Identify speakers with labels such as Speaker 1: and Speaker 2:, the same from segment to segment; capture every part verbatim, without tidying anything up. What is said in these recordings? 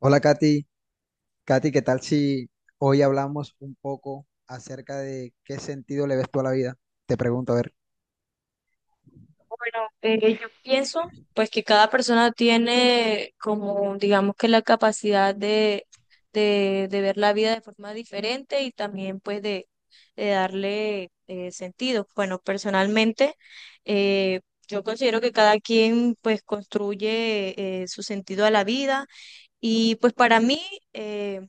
Speaker 1: Hola Katy, Katy, ¿qué tal si hoy hablamos un poco acerca de qué sentido le ves tú a la vida? Te pregunto, a ver.
Speaker 2: Bueno, eh, yo pienso pues que cada persona tiene, como digamos, que la capacidad de, de, de ver la vida de forma diferente y también pues de, de darle eh, sentido. Bueno, personalmente, eh, yo considero que cada quien pues construye eh, su sentido a la vida, y pues para mí eh,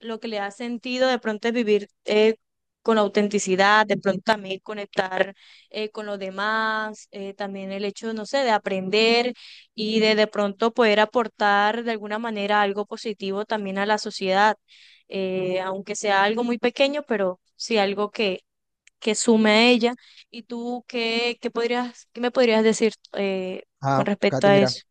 Speaker 2: lo que le ha sentido de pronto es vivir eh, con autenticidad, de pronto también conectar eh, con los demás, eh, también el hecho, no sé, de aprender y de de pronto poder aportar de alguna manera algo positivo también a la sociedad, eh, aunque sea algo muy pequeño, pero sí algo que, que sume a ella. ¿Y tú qué, qué podrías, qué me podrías decir eh, con
Speaker 1: Ah,
Speaker 2: respecto
Speaker 1: Katy,
Speaker 2: a
Speaker 1: mira,
Speaker 2: eso?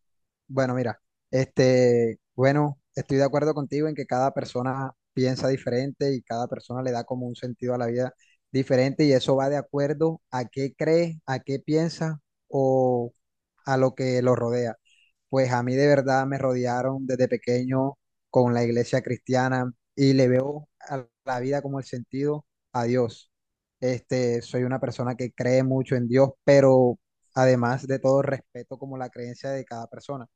Speaker 1: bueno, mira, este, bueno, estoy de acuerdo contigo en que cada persona piensa diferente y cada persona le da como un sentido a la vida diferente, y eso va de acuerdo a qué cree, a qué piensa o a lo que lo rodea. Pues a mí de verdad me rodearon desde pequeño con la iglesia cristiana y le veo a la vida como el sentido a Dios. Este, soy una persona que cree mucho en Dios, pero además de todo respeto como la creencia de cada persona.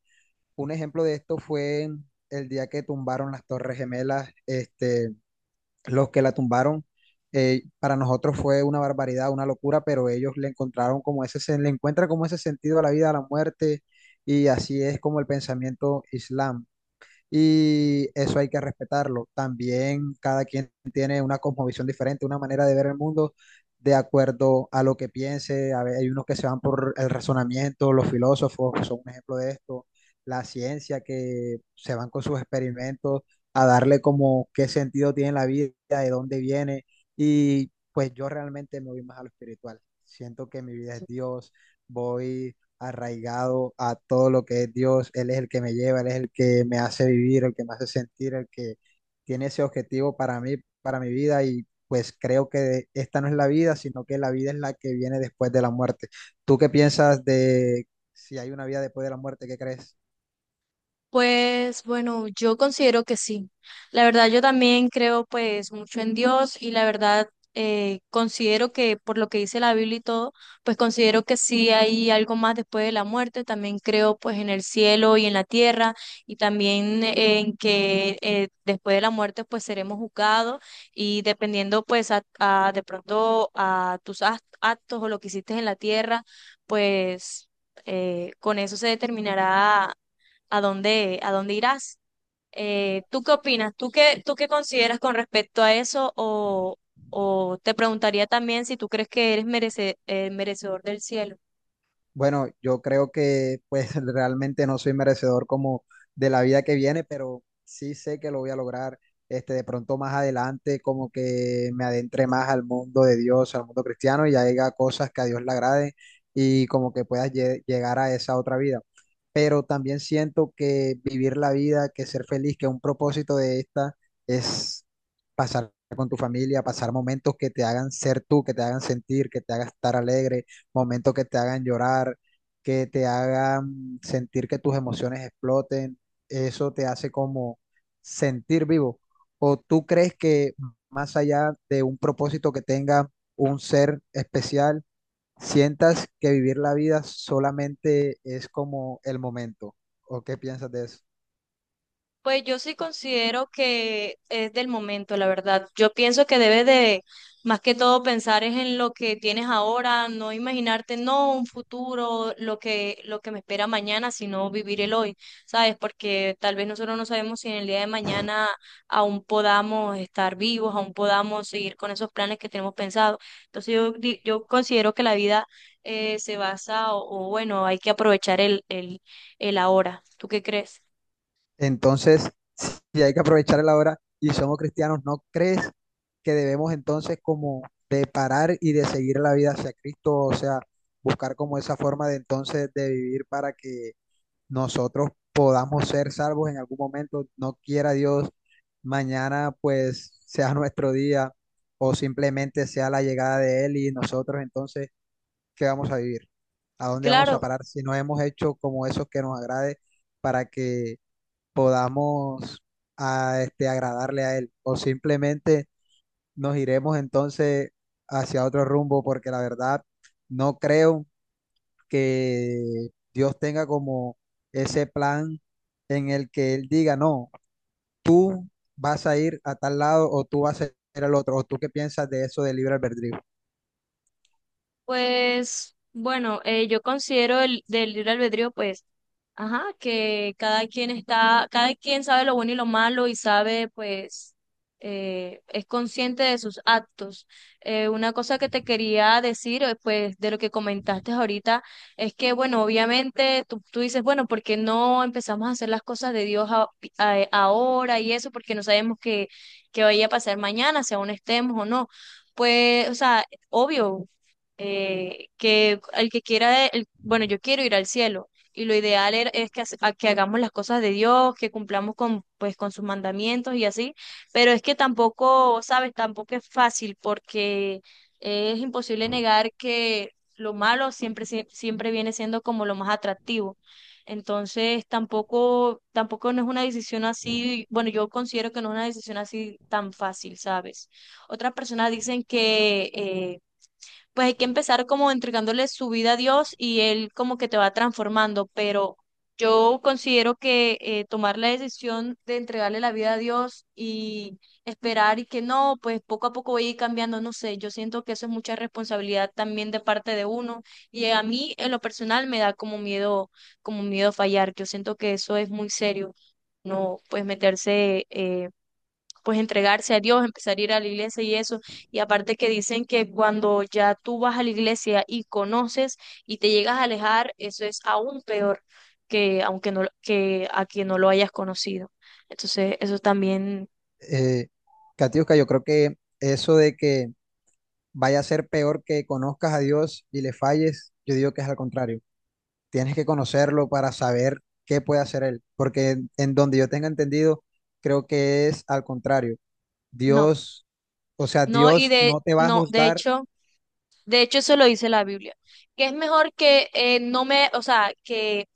Speaker 1: Un ejemplo de esto fue el día que tumbaron las Torres Gemelas, este, los que la tumbaron, eh, para nosotros fue una barbaridad, una locura, pero ellos le encontraron como ese, sen- le encuentran como ese sentido a la vida, a la muerte, y así es como el pensamiento islam, y eso hay que respetarlo. También cada quien tiene una cosmovisión diferente, una manera de ver el mundo de acuerdo a lo que piense. A ver, hay unos que se van por el razonamiento, los filósofos son un ejemplo de esto, la ciencia que se van con sus experimentos a darle como qué sentido tiene la vida, de dónde viene, y pues yo realmente me voy más a lo espiritual. Siento que mi vida es Dios, voy arraigado a todo lo que es Dios. Él es el que me lleva, Él es el que me hace vivir, el que me hace sentir, el que tiene ese objetivo para mí, para mi vida, y pues creo que esta no es la vida, sino que la vida es la que viene después de la muerte. ¿Tú qué piensas de si hay una vida después de la muerte? ¿Qué crees?
Speaker 2: Pues bueno, yo considero que sí. La verdad, yo también creo pues mucho en Dios, y la verdad eh, considero que, por lo que dice la Biblia y todo, pues considero que sí hay algo más después de la muerte. También creo pues en el cielo y en la tierra, y también eh, en que, eh, después de la muerte, pues seremos juzgados, y dependiendo pues a, a- de pronto a tus act- actos, o lo que hiciste en la tierra, pues eh, con eso se determinará a dónde, a dónde irás. Eh, ¿tú qué opinas? ¿Tú qué, tú qué consideras con respecto a eso? O, o te preguntaría también si tú crees que eres merece- eh, merecedor del cielo.
Speaker 1: Bueno, yo creo que pues realmente no soy merecedor como de la vida que viene, pero sí sé que lo voy a lograr. Este, de pronto más adelante, como que me adentre más al mundo de Dios, al mundo cristiano, y haga cosas que a Dios le agrade y como que puedas lle- llegar a esa otra vida. Pero también siento que vivir la vida, que ser feliz, que un propósito de esta es pasar con tu familia, pasar momentos que te hagan ser tú, que te hagan sentir, que te hagan estar alegre, momentos que te hagan llorar, que te hagan sentir que tus emociones exploten, eso te hace como sentir vivo. ¿O tú crees que más allá de un propósito que tenga un ser especial, sientas que vivir la vida solamente es como el momento? ¿O qué piensas de eso?
Speaker 2: Pues yo sí considero que es del momento, la verdad. Yo pienso que debes de, más que todo, pensar es en lo que tienes ahora, no imaginarte, no un futuro, lo que, lo que me espera mañana, sino vivir el hoy, ¿sabes? Porque tal vez nosotros no sabemos si en el día de mañana aún podamos estar vivos, aún podamos seguir con esos planes que tenemos pensados. Entonces yo, di- yo considero que la vida eh, se basa, o, o bueno, hay que aprovechar el, el, el ahora. ¿Tú qué crees?
Speaker 1: Entonces, si hay que aprovechar la hora y somos cristianos, ¿no crees que debemos entonces como de parar y de seguir la vida hacia Cristo? O sea, buscar como esa forma de entonces de vivir para que nosotros podamos ser salvos en algún momento. No quiera Dios, mañana pues sea nuestro día o simplemente sea la llegada de Él, y nosotros entonces, ¿qué vamos a vivir? ¿A dónde vamos a
Speaker 2: Claro.
Speaker 1: parar si no hemos hecho como eso que nos agrade para que podamos a, este, agradarle a él, o simplemente nos iremos entonces hacia otro rumbo? Porque la verdad no creo que Dios tenga como ese plan en el que él diga, no, vas a ir a tal lado o tú vas a ir al otro. ¿O tú qué piensas de eso de libre albedrío?
Speaker 2: Pues bueno, eh, yo considero el del libre albedrío, pues ajá, que cada quien está, cada quien sabe lo bueno y lo malo, y sabe, pues, eh, es consciente de sus actos. Eh, una cosa que te quería decir, eh, pues, de lo que comentaste ahorita, es que, bueno, obviamente tú, tú dices, bueno, ¿por qué no empezamos a hacer las cosas de Dios a- a- ahora y eso? Porque no sabemos qué qué vaya a pasar mañana, si aún estemos o no. Pues, o sea, obvio, eh, que el que quiera, el- bueno, yo quiero ir al cielo, y lo ideal era- es que, hace- a- que hagamos las cosas de Dios, que cumplamos con, pues, con sus mandamientos y así, pero es que tampoco, sabes, tampoco es fácil, porque es imposible negar que lo malo siempre, sie- siempre viene siendo como lo más atractivo. Entonces, tampoco, tampoco no es una decisión así, bueno, yo considero que no es una decisión así tan fácil, ¿sabes? Otras personas dicen que, eh, pues hay que empezar como entregándole su vida a Dios, y Él como que te va transformando, pero yo considero que, eh, tomar la decisión de entregarle la vida a Dios y esperar y que no, pues poco a poco voy a ir cambiando, no sé, yo siento que eso es mucha responsabilidad también de parte de uno, y a mí en lo personal me da como miedo, como miedo fallar, yo siento que eso es muy serio, no, pues meterse, eh, pues entregarse a Dios, empezar a ir a la iglesia y eso. Y aparte que dicen que cuando ya tú vas a la iglesia y conoces y te llegas a alejar, eso es aún peor que, aunque no, que a quien no lo hayas conocido. Entonces, eso también
Speaker 1: Eh, Katiuska, yo creo que eso de que vaya a ser peor que conozcas a Dios y le falles, yo digo que es al contrario. Tienes que conocerlo para saber qué puede hacer él, porque en, en donde yo tenga entendido, creo que es al contrario.
Speaker 2: no.
Speaker 1: Dios, o sea,
Speaker 2: No, y
Speaker 1: Dios
Speaker 2: de
Speaker 1: no te va a
Speaker 2: no, de
Speaker 1: juzgar,
Speaker 2: hecho, de hecho eso lo dice la Biblia, que es mejor que, eh, no me, o sea, que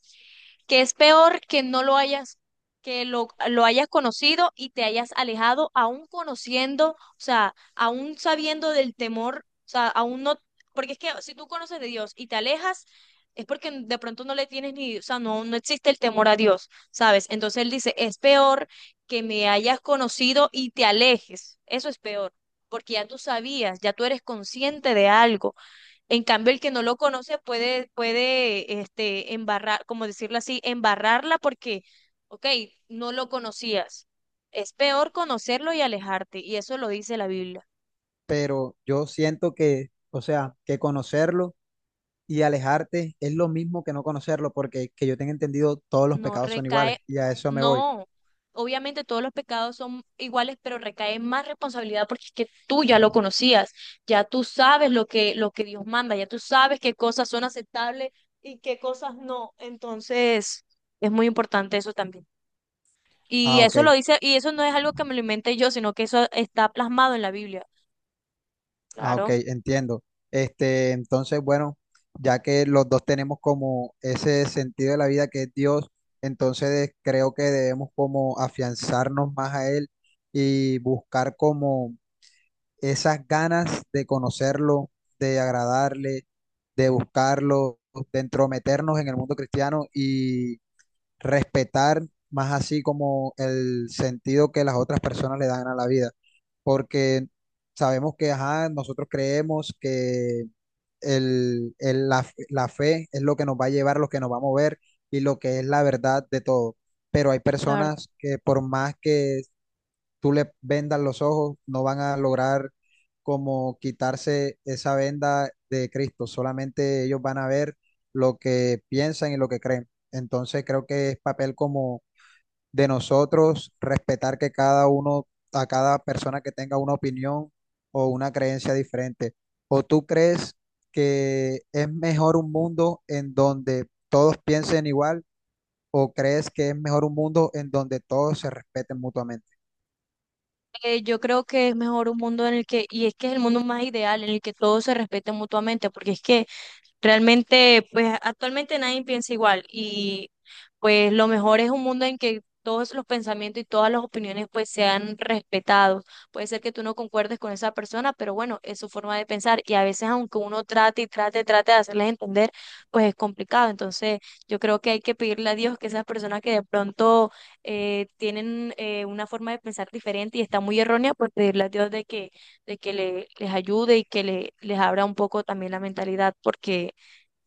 Speaker 2: que es peor que no lo hayas, que lo, lo hayas conocido y te hayas alejado, aún conociendo, o sea, aún sabiendo del temor, o sea, aún no, porque es que si tú conoces de Dios y te alejas, es porque de pronto no le tienes ni, o sea, no, no existe el temor a Dios, ¿sabes? Entonces él dice, es peor que me hayas conocido y te alejes, eso es peor, porque ya tú sabías, ya tú eres consciente de algo. En cambio, el que no lo conoce puede, puede, este, embarrar, como decirlo así, embarrarla porque, ok, no lo conocías. Es peor conocerlo y alejarte, y eso lo dice la Biblia.
Speaker 1: pero yo siento que, o sea, que conocerlo y alejarte es lo mismo que no conocerlo, porque que yo tenga entendido, todos los
Speaker 2: No
Speaker 1: pecados son
Speaker 2: recae,
Speaker 1: iguales y a eso me voy.
Speaker 2: no. Obviamente todos los pecados son iguales, pero recae más responsabilidad, porque es que tú ya lo conocías, ya tú sabes lo que, lo que Dios manda, ya tú sabes qué cosas son aceptables y qué cosas no. Entonces, es muy importante eso también. Y
Speaker 1: Ah, ok.
Speaker 2: eso lo dice, y eso no es algo que me lo inventé yo, sino que eso está plasmado en la Biblia.
Speaker 1: Ah, ok,
Speaker 2: Claro.
Speaker 1: entiendo. Este, entonces, bueno, ya que los dos tenemos como ese sentido de la vida que es Dios, entonces creo que debemos como afianzarnos más a Él y buscar como esas ganas de conocerlo, de agradarle, de buscarlo, de entrometernos en el mundo cristiano, respetar más así como el sentido que las otras personas le dan a la vida, porque sabemos que, ajá, nosotros creemos que el, el- la, la fe es lo que nos va a llevar, lo que nos va a mover y lo que es la verdad de todo, pero hay
Speaker 2: Claro.
Speaker 1: personas que por más que tú le vendas los ojos, no van a lograr como quitarse esa venda de Cristo, solamente ellos van a ver lo que piensan y lo que creen. Entonces creo que es papel como de nosotros respetar que cada uno, a cada persona que tenga una opinión o una creencia diferente. ¿O tú crees que es mejor un mundo en donde todos piensen igual o crees que es mejor un mundo en donde todos se respeten mutuamente?
Speaker 2: Eh, yo creo que es mejor un mundo en el que, y es que es el mundo más ideal, en el que todos se respeten mutuamente, porque es que realmente, pues actualmente nadie piensa igual, y pues lo mejor es un mundo en que todos los pensamientos y todas las opiniones pues sean respetados. Puede ser que tú no concuerdes con esa persona, pero bueno, es su forma de pensar, y a veces aunque uno trate y trate, trate de hacerles entender, pues es complicado. Entonces, yo creo que hay que pedirle a Dios que esas personas que de pronto eh, tienen eh, una forma de pensar diferente y está muy errónea, pues pedirle a Dios de que, de que le- les ayude, y que le- les abra un poco también la mentalidad, porque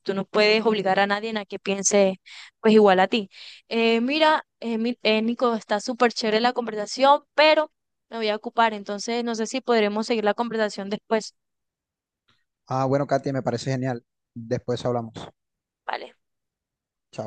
Speaker 2: tú no puedes obligar a nadie a que piense pues igual a ti. Eh, mira, eh, mi- eh, Nico, está súper chévere la conversación, pero me voy a ocupar, entonces no sé si podremos seguir la conversación después,
Speaker 1: Ah, bueno, Katia, me parece genial. Después hablamos.
Speaker 2: ¿vale?
Speaker 1: Chao.